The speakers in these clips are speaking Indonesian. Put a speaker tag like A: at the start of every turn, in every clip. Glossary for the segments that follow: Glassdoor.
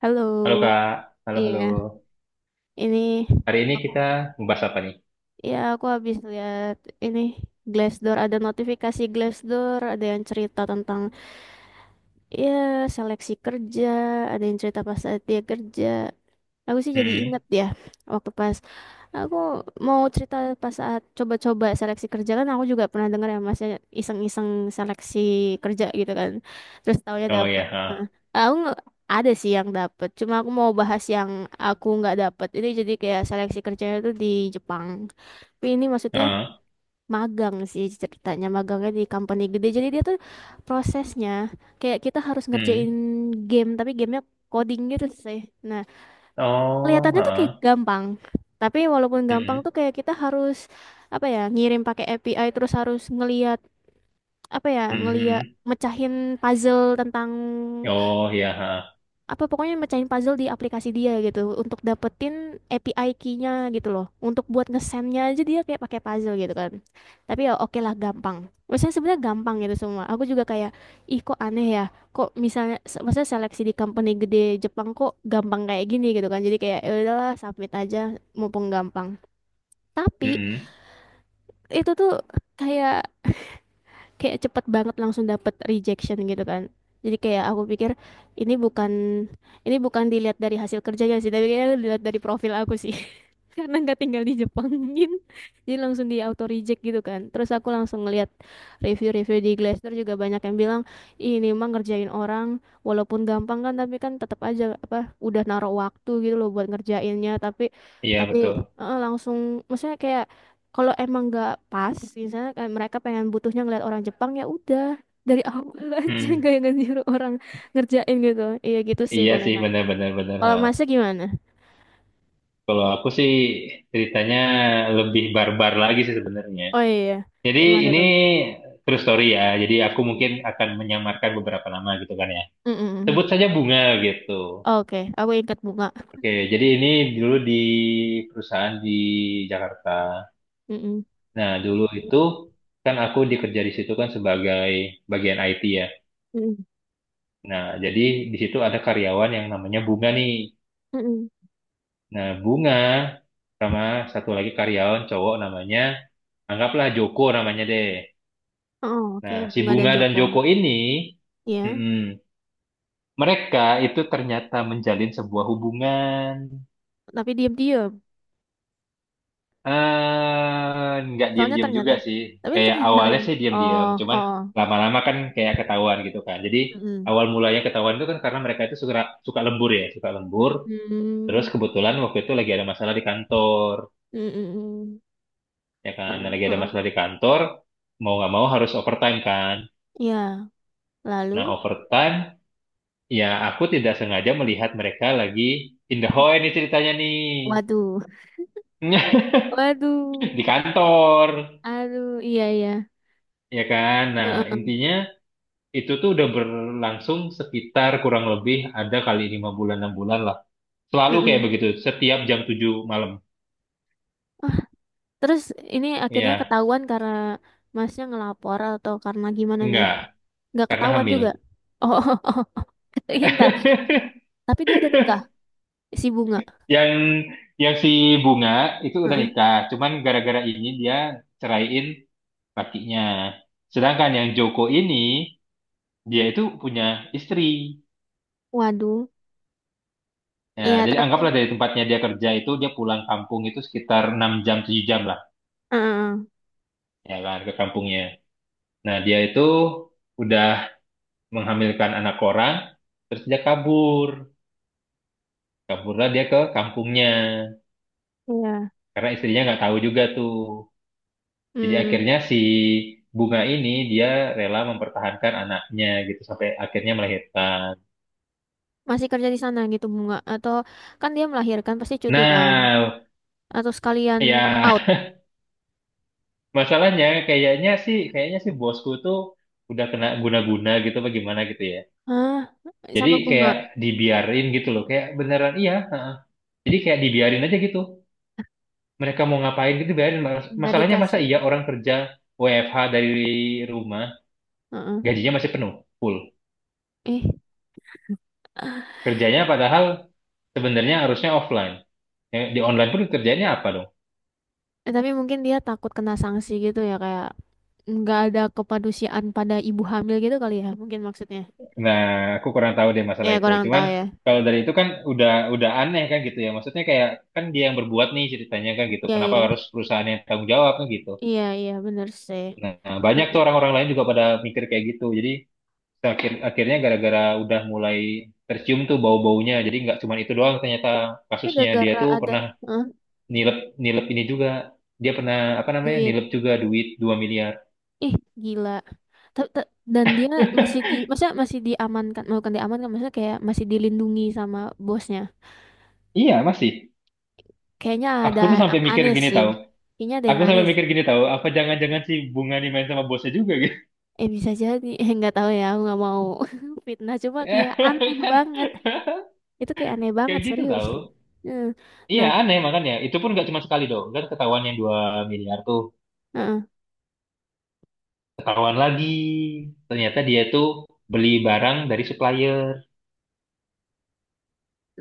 A: Halo,
B: Halo Kak, halo halo.
A: iya, ini
B: Hari ini
A: aku,
B: kita membahas apa nih?
A: ya aku habis lihat ini Glassdoor, ada notifikasi Glassdoor, ada yang cerita tentang, ya, seleksi kerja, ada yang cerita pas saat dia kerja. Aku sih jadi
B: Mm-mm.
A: inget ya waktu pas aku mau cerita pas saat coba-coba seleksi kerja kan, aku juga pernah dengar ya masnya iseng-iseng seleksi kerja gitu kan. Terus taunya
B: Oh
A: dapat.
B: ya,
A: Nah,
B: ha.
A: aku nggak- ada sih yang dapat. Cuma aku mau bahas yang aku nggak dapat. Ini jadi kayak seleksi kerjanya tuh di Jepang. Tapi ini maksudnya
B: Ha.
A: magang sih ceritanya. Magangnya di company gede. Jadi dia tuh prosesnya kayak kita harus ngerjain
B: Mm.
A: game, tapi gamenya coding gitu sih. Nah,
B: Oh,
A: kelihatannya tuh kayak
B: ha.
A: gampang. Tapi walaupun gampang,
B: Mm-mm.
A: tuh kayak kita harus apa ya, ngirim pakai API terus harus ngeliat, apa ya, ngeliat
B: Mm-mm.
A: mecahin puzzle tentang
B: Oh ya, ha.
A: apa, pokoknya mecahin puzzle di aplikasi dia gitu, untuk dapetin API key-nya gitu loh. Untuk buat ngesendnya aja dia kayak pakai puzzle gitu kan. Tapi ya oke lah, gampang. Maksudnya sebenarnya gampang gitu semua. Aku juga kayak, ih kok aneh ya, kok misalnya, maksudnya seleksi di company gede Jepang kok gampang kayak gini gitu kan. Jadi kayak ya udahlah submit aja mumpung gampang. Tapi
B: Mm-mm.
A: itu tuh kayak kayak cepet banget langsung dapet rejection gitu kan. Jadi kayak aku pikir ini bukan ini bukan dilihat dari hasil kerjanya sih, tapi kayaknya dilihat dari profil aku sih. Karena nggak tinggal di Jepang jadi langsung di auto reject gitu kan. Terus aku langsung ngeliat review-review di Glassdoor juga banyak yang bilang, "Ih, ini mah ngerjain orang, walaupun gampang kan tapi kan tetap aja apa udah naruh waktu gitu loh buat ngerjainnya, tapi
B: Iya
A: tapi
B: betul.
A: langsung maksudnya kayak, kalau emang nggak pas, misalnya kayak mereka pengen butuhnya ngeliat orang Jepang, ya udah dari awal aja, nggak
B: Mm.
A: yang nyuruh orang ngerjain gitu." Iya gitu sih
B: Iya sih,
A: palingan,
B: benar-benar benar. Benar, benar,
A: kalau
B: ha.
A: masih gimana.
B: Kalau aku sih ceritanya lebih barbar lagi sih sebenarnya.
A: Oh iya,
B: Jadi
A: gimana
B: ini
A: tuh?
B: true story ya. Jadi aku mungkin akan menyamarkan beberapa nama gitu kan ya.
A: Mm-mm.
B: Sebut saja Bunga gitu.
A: Oke, aku ingat Bunga.
B: Oke, jadi ini dulu di perusahaan di Jakarta.
A: Mm-mm.
B: Nah, dulu itu kan aku dikerja di situ kan sebagai bagian IT ya.
A: Mm-mm.
B: Nah, jadi di situ ada karyawan yang namanya Bunga nih.
A: Mm-mm.
B: Nah, Bunga sama satu lagi karyawan cowok namanya, anggaplah Joko namanya deh.
A: Oh, oke,
B: Nah, si
A: Bunga dan
B: Bunga dan
A: Joko.
B: Joko ini,
A: Ya,
B: mm-mm, mereka itu ternyata menjalin sebuah hubungan.
A: tapi diam-diam?
B: Eh, nggak
A: Soalnya
B: diam-diam juga
A: ternyata,
B: sih.
A: tapi
B: Kayak
A: ternyata.
B: awalnya sih
A: Oh
B: diam-diam,
A: oh
B: cuman
A: oh.
B: lama-lama kan kayak ketahuan gitu kan. Jadi
A: Mm-mm.
B: awal mulanya ketahuan itu kan karena mereka itu suka suka lembur ya, suka lembur. Terus
A: Hmm.
B: kebetulan waktu itu lagi ada masalah di kantor,
A: Mm-mm.
B: ya kan. Nah, lagi ada
A: Uh-uh.
B: masalah di kantor, mau nggak mau harus overtime kan.
A: Ya,
B: Nah
A: lalu.
B: overtime, ya aku tidak sengaja melihat mereka lagi in the hall ini ceritanya nih
A: Waduh. Waduh,
B: di kantor,
A: aduh, iya iya.
B: ya kan. Nah
A: Heeh,
B: intinya, itu tuh udah berlangsung sekitar kurang lebih ada kali 5 bulan 6 bulan lah. Selalu kayak
A: heeh.
B: begitu, setiap jam 7 malam.
A: Oh, terus ini akhirnya
B: Iya,
A: ketahuan karena masnya ngelapor atau karena gimana nih?
B: enggak,
A: Nggak
B: karena
A: ketahuan
B: hamil.
A: juga. Oh, oh, oh, oh. Ntar. Tapi dia udah nikah, si Bunga.
B: Yang yang si Bunga itu udah
A: Heeh.
B: nikah, cuman gara-gara ini dia ceraiin lakinya. Sedangkan yang Joko ini dia itu punya istri.
A: Waduh,
B: Ya,
A: iya
B: jadi
A: tapi,
B: anggaplah dari tempatnya dia kerja itu dia pulang kampung itu sekitar 6 jam 7 jam lah,
A: heeh,
B: ya kan ke kampungnya. Nah, dia itu udah menghamilkan anak orang, terus dia kabur. Kaburlah dia ke kampungnya,
A: iya.
B: karena istrinya nggak tahu juga tuh. Jadi
A: Hmm,
B: akhirnya si Bunga ini dia rela mempertahankan anaknya gitu sampai akhirnya melahirkan.
A: masih kerja di sana gitu Bunga? Atau kan dia melahirkan pasti cuti kan?
B: Nah,
A: Atau sekalian out?
B: ya masalahnya kayaknya sih bosku tuh udah kena guna-guna gitu bagaimana gitu ya.
A: Hah?
B: Jadi
A: Sama Bunga?
B: kayak dibiarin gitu loh, kayak beneran iya. Heeh. Jadi kayak dibiarin aja gitu. Mereka mau ngapain gitu, biarin.
A: Nggak
B: Masalahnya masa
A: dikasih.
B: iya orang kerja WFH dari rumah
A: Heeh.
B: gajinya masih penuh full,
A: Eh,
B: kerjanya padahal sebenarnya harusnya offline. Ya, di online pun kerjanya apa dong.
A: Tapi mungkin dia takut kena sanksi gitu ya, kayak nggak ada kepedulian pada ibu hamil gitu kali ya, mungkin maksudnya.
B: Nah, aku kurang tahu deh masalah
A: Ya
B: itu,
A: kurang
B: cuman
A: tahu ya.
B: kalau dari itu kan udah aneh kan gitu ya, maksudnya kayak, kan dia yang berbuat nih ceritanya kan gitu,
A: Iya
B: kenapa
A: iya,
B: harus perusahaan yang tanggung jawab kan gitu.
A: iya iya, bener sih.
B: Nah, banyak
A: Heeh.
B: tuh orang-orang lain juga pada mikir kayak gitu. Jadi akhirnya gara-gara udah mulai tercium tuh bau-baunya, jadi nggak cuma itu doang ternyata
A: Tapi
B: kasusnya. Dia
A: gara-gara
B: tuh
A: ada,
B: pernah
A: heeh,
B: nilep, nilep ini juga dia pernah apa namanya,
A: duit,
B: nilep juga duit 2 miliar.
A: ih gila. Ta- ta- Dan dia masih di, masa masih diamankan, bukan diamankan, maksudnya kayak masih dilindungi sama bosnya.
B: Iya masih.
A: Kayaknya
B: Aku
A: ada
B: tuh sampai
A: yang
B: mikir
A: aneh
B: gini,
A: sih.
B: tahu.
A: Kayaknya ada
B: Aku
A: yang aneh
B: sampai
A: sih.
B: mikir gini, tahu, apa jangan-jangan si Bunga ini main sama bosnya juga gitu.
A: Eh bisa jadi, eh nggak tahu ya, aku nggak mau fitnah. Cuma kayak aneh
B: Kan
A: banget. Itu kayak aneh
B: kayak
A: banget,
B: gitu
A: serius.
B: tahu.
A: Heeh.
B: Iya
A: Nah,
B: aneh makanya. Itu pun nggak cuma sekali dong kan ketahuan yang 2 miliar tuh,
A: heeh.
B: ketahuan lagi. Ternyata dia tuh beli barang dari supplier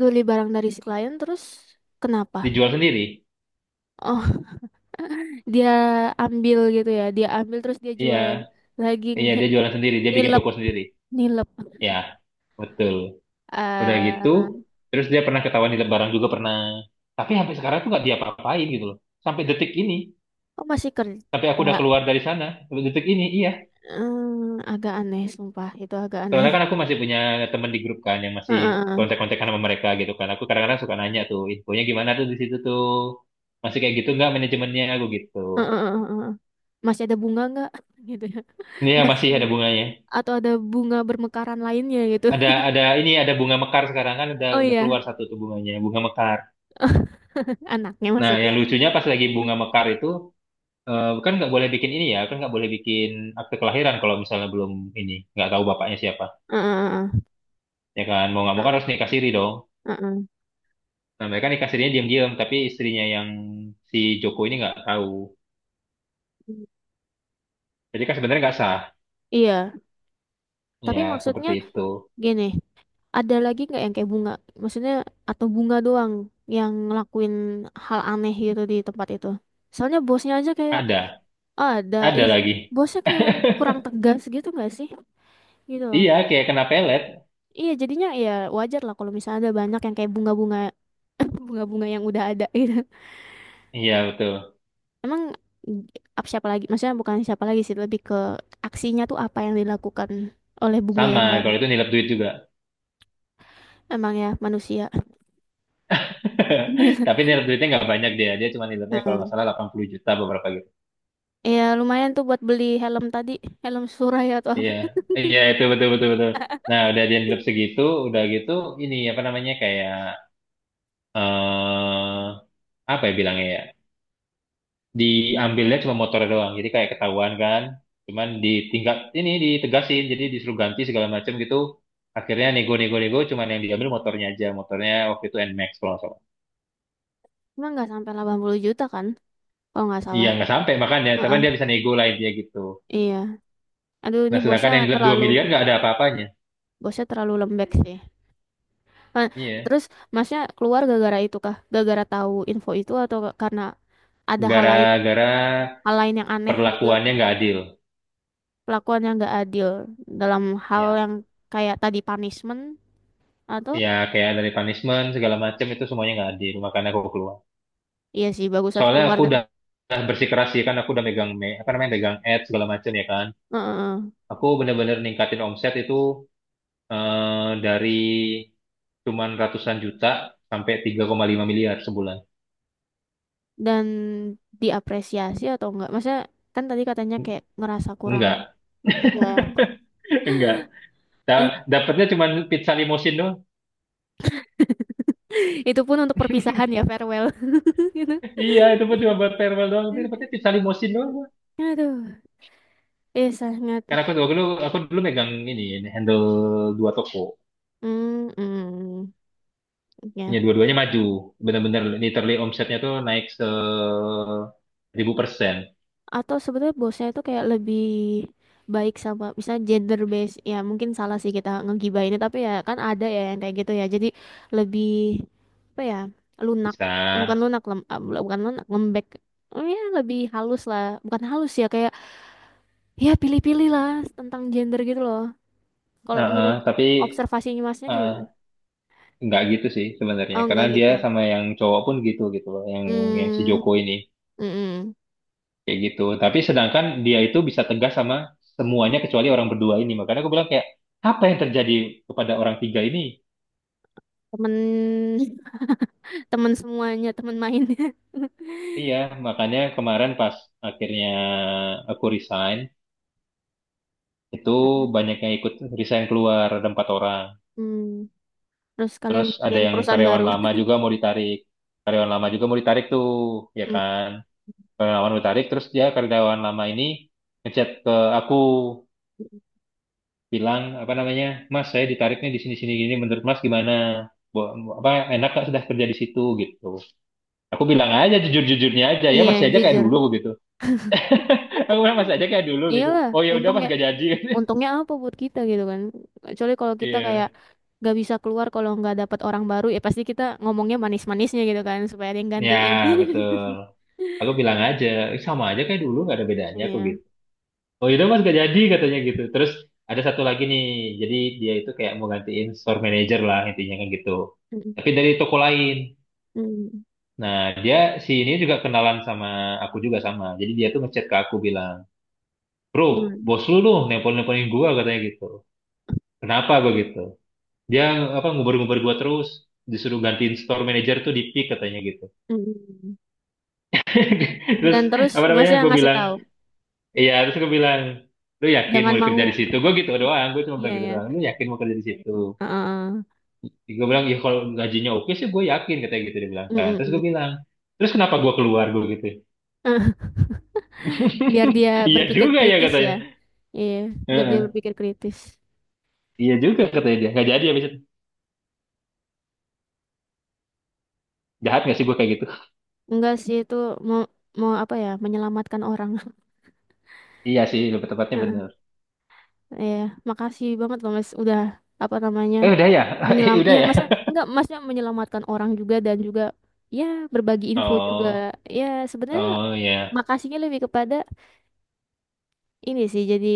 A: Beli barang dari si klien terus kenapa?
B: dijual sendiri.
A: Oh, dia ambil gitu ya. Dia ambil terus dia jual
B: Iya,
A: lagi
B: iya
A: nih.
B: dia jualan sendiri, dia bikin
A: Nilep,
B: toko sendiri.
A: nilep.
B: Ya, betul. Udah
A: Eh.
B: gitu, terus dia pernah ketahuan di Lebaran juga pernah. Tapi sampai sekarang tuh nggak diapa-apain gitu loh. Sampai detik ini,
A: Oh masih
B: sampai aku
A: kerja.
B: udah keluar dari sana, sampai detik ini, iya.
A: Hmm, agak aneh, sumpah. Itu agak aneh.
B: Soalnya kan aku masih punya temen di grup kan yang masih
A: Heeh, heeh,
B: kontak-kontakan sama mereka gitu kan. Aku kadang-kadang suka nanya tuh, infonya gimana tuh di situ tuh. Masih kayak gitu nggak manajemennya aku gitu.
A: heeh, heeh, heeh. Masih ada bunga nggak? Gitu ya.
B: Iya, masih
A: Masih,
B: ada bunganya.
A: atau ada bunga bermekaran lainnya gitu.
B: Ada ini, ada bunga mekar sekarang kan udah
A: Oh
B: udah
A: iya,
B: keluar satu tuh bunganya, bunga mekar.
A: anaknya
B: Nah,
A: maksudnya.
B: yang lucunya pas lagi
A: Heeh,
B: bunga mekar itu, eh, kan nggak boleh bikin ini ya, kan nggak boleh bikin akte kelahiran kalau misalnya belum ini, nggak tahu bapaknya siapa.
A: heeh,
B: Ya kan, mau nggak mau
A: heeh,
B: kan harus nikah siri dong.
A: heeh.
B: Nah, mereka nikah sirinya diam-diam, tapi istrinya yang si Joko ini nggak tahu. Jadi kan sebenarnya nggak sah.
A: Iya, tapi
B: Ya,
A: maksudnya
B: seperti itu.
A: gini, ada lagi nggak yang kayak Bunga? Maksudnya atau Bunga doang yang ngelakuin hal aneh gitu di tempat itu? Soalnya bosnya aja kayak,
B: Ada,
A: "Ah, ada,
B: ada
A: ya
B: lagi.
A: bosnya kayak kurang tegas gitu nggak sih?" Gitu loh.
B: Iya, kayak kena pelet.
A: Iya, jadinya ya wajar lah kalau misalnya ada banyak yang kayak bunga-bunga, bunga-bunga yang udah ada gitu.
B: Iya, betul.
A: Emang, mm, apa siapa lagi? Maksudnya bukan siapa lagi sih, lebih ke aksinya tuh apa yang dilakukan oleh bunga
B: Sama,
A: yang baru.
B: kalau itu nilai duit juga.
A: Emang ya manusia. Gila.
B: Tapi nilai duitnya nggak banyak, dia cuma nilainya kalau nggak salah 80 juta beberapa gitu.
A: Iya, lumayan tuh buat beli helm tadi, helm Suraya atau apa.
B: Iya, iya itu betul betul betul. Nah udah dianggap segitu, udah gitu ini apa namanya, kayak, eh apa ya bilangnya ya, diambilnya cuma motor doang, jadi kayak ketahuan kan, cuman ditingkat ini ditegasin, jadi disuruh ganti segala macam gitu. Akhirnya nego-nego-nego, cuman yang diambil motornya aja, motornya waktu itu NMAX kalau nggak salah.
A: Emang nggak sampai 80 juta kan, kalau nggak
B: Iya
A: salah.
B: nggak sampai makanya,
A: Heeh.
B: cuman dia bisa nego lah intinya gitu.
A: Iya. Aduh, ini
B: Nah sedangkan yang gelap 2 miliar nggak ada apa-apanya.
A: bosnya terlalu lembek sih. Nah,
B: Iya,
A: terus masnya keluar gara-gara itu kah? Gara-gara tahu info itu atau karena ada
B: gara-gara
A: hal lain yang aneh juga,
B: perlakuannya nggak adil.
A: pelakuan yang nggak adil dalam hal
B: Ya
A: yang kayak tadi punishment atau.
B: ya kayak dari punishment segala macam itu semuanya nggak adil, makanya aku keluar.
A: Iya sih bagusan
B: Soalnya
A: keluar.
B: aku
A: Dan
B: udah bersikeras sih, kan aku udah megang apa namanya, megang ads segala macam ya kan.
A: heeh,
B: Aku bener-bener ningkatin omset itu, eh, dari cuman ratusan juta sampai 3,5 miliar sebulan.
A: dan diapresiasi atau enggak? Maksudnya kan tadi katanya kayak ngerasa kurang.
B: Enggak
A: Iya.
B: enggak. Dapatnya cuma pizza limosin doang.
A: Itu pun untuk perpisahan ya, farewell. Gitu.
B: Iya itu pun cuma buat farewell doang, tapi dapatnya pizza limosin doang gua.
A: Aduh, eh sangat.
B: Karena aku dulu megang ini, handle dua toko.
A: Hmm mm,
B: Ya,
A: ya.
B: dua-duanya maju. Benar-benar literally omsetnya tuh naik 1.000%.
A: Atau sebetulnya bosnya itu kayak lebih baik sama misalnya gender based, ya mungkin salah sih kita ngegibahinnya tapi ya kan ada ya yang kayak gitu ya, jadi lebih apa ya, lunak,
B: Bisa.
A: bukan lunak bukan lunak lembek. Oh ya lebih halus lah, bukan halus ya, kayak ya pilih-pilih lah tentang gender gitu loh. Kalau
B: Heeh,
A: menurut
B: tapi
A: observasinya masnya gimana?
B: eh, nggak gitu sih sebenarnya.
A: Oh,
B: Karena
A: enggak
B: dia
A: gitu.
B: sama yang cowok pun gitu gitu loh. Yang si
A: Hmm,
B: Joko ini.
A: mm-mm.
B: Kayak gitu. Tapi sedangkan dia itu bisa tegas sama semuanya kecuali orang berdua ini. Makanya aku bilang kayak, apa yang terjadi kepada orang tiga ini?
A: Temen, temen semuanya, temen mainnya.
B: Iya, makanya kemarin pas akhirnya aku resign, itu
A: Mm-mm.
B: banyak yang ikut resign keluar, ada empat orang.
A: Hmm, terus kalian
B: Terus ada
A: bikin
B: yang
A: perusahaan
B: karyawan
A: baru.
B: lama juga mau ditarik. Karyawan lama juga mau ditarik tuh, ya
A: Hmm,
B: kan? Karyawan lama mau ditarik, terus dia karyawan lama ini ngechat ke aku bilang apa namanya, "Mas saya ditariknya di sini sini gini, menurut Mas gimana? Bo- Apa enak gak sudah kerja di situ gitu?" Aku bilang aja jujur-jujurnya aja ya,
A: iya,
B: masih aja kayak
A: jujur.
B: dulu gitu. Aku bilang masih aja kayak dulu gitu.
A: Iyalah,
B: "Oh ya udah Mas
A: untungnya,
B: gak jadi."
A: untungnya apa buat kita gitu kan? Kecuali kalau kita
B: Iya,
A: kayak gak bisa keluar kalau nggak dapat orang baru, ya pasti kita ngomongnya manis-manisnya gitu kan, supaya ada yang
B: ya
A: gantiin.
B: betul. Aku bilang aja, "Eh, sama aja kayak dulu gak ada bedanya aku
A: Iya.
B: gitu." Oh itu mas gak jadi katanya gitu. Terus ada satu lagi nih, jadi dia itu kayak mau gantiin store manager lah intinya kan gitu,
A: Mm-mm.
B: tapi dari toko lain.
A: Mm.
B: Nah, dia si ini juga kenalan sama aku juga sama, jadi dia tuh ngechat ke aku bilang, "Bro,
A: Gimana?
B: bos lu dong nelpon-nelponin gua," katanya gitu. "Kenapa gua gitu, dia apa ngubar-ngubar gua, terus disuruh gantiin store manager tuh di pick," katanya gitu.
A: Mm-mm. Dan
B: Terus
A: terus
B: apa
A: masnya
B: namanya, gue
A: ngasih
B: bilang
A: tahu,
B: iya, terus gue bilang, "Lu yakin mau
A: jangan mau.
B: kerja di situ," gue gitu doang. Gue cuma
A: Iya
B: bilang gitu
A: ya.
B: doang, "Lu yakin mau kerja di situ?"
A: Heeh.
B: Gue bilang, "Ya kalau gajinya oke sih gue yakin," katanya gitu dia bilang kan. Terus gue
A: Mm-mm.
B: bilang, "Terus kenapa gue keluar," gue gitu.
A: Eh, biar dia
B: "Iya
A: berpikir
B: juga ya,"
A: kritis ya.
B: katanya.
A: Iya, biar dia
B: Heeh.
A: berpikir kritis.
B: "Iya juga," katanya, dia nggak jadi habis itu. Jahat nggak sih gue kayak gitu?
A: Enggak sih itu, mau mau apa ya, menyelamatkan orang.
B: Iya sih, lebih tepatnya
A: Heeh.
B: bener.
A: Iya, makasih banget loh Mas udah, apa namanya?
B: Eh udah ya. Eh,
A: Menyelam
B: udah
A: iya,
B: ya.
A: Masnya enggak, Masnya menyelamatkan orang juga dan juga ya berbagi info juga.
B: Oh,
A: Ya, sebenarnya
B: oh ya
A: makasihnya lebih kepada ini sih, jadi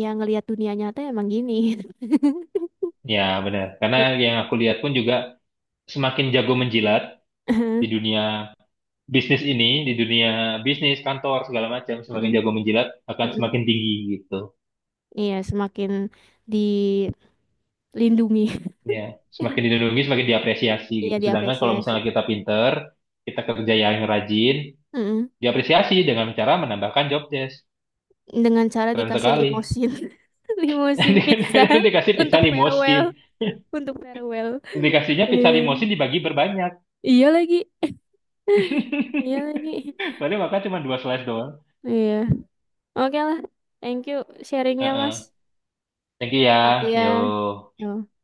A: ya ngelihat dunia nyata emang gini.
B: ya bener, karena yang aku lihat pun juga semakin jago menjilat
A: Iya.
B: di dunia bisnis ini, di dunia bisnis kantor segala macam, semakin
A: Mm-mm,
B: jago menjilat akan
A: mm-mm.
B: semakin tinggi gitu.
A: Iya, semakin dilindungi.
B: Ya, semakin dilindungi, semakin diapresiasi
A: Iya,
B: gitu. Sedangkan kalau
A: diapresiasi.
B: misalnya kita pinter, kita kerja yang rajin,
A: Mm-mm.
B: diapresiasi dengan cara menambahkan job desk.
A: Dengan cara
B: Keren
A: dikasih
B: sekali.
A: limosin. Limosin pizza
B: Nanti dikasih pizza
A: untuk
B: limosin.
A: farewell, untuk farewell.
B: Dikasihnya pizza
A: Iya.
B: limosin dibagi berbanyak.
A: Iya lagi, iya lagi.
B: Padahal makan cuma dua slice doang.
A: Iya. Oke lah. Thank you sharingnya,
B: Heeh.
A: Mas.
B: Thank you
A: Oh,
B: ya.
A: iya.
B: Yo.
A: Yo.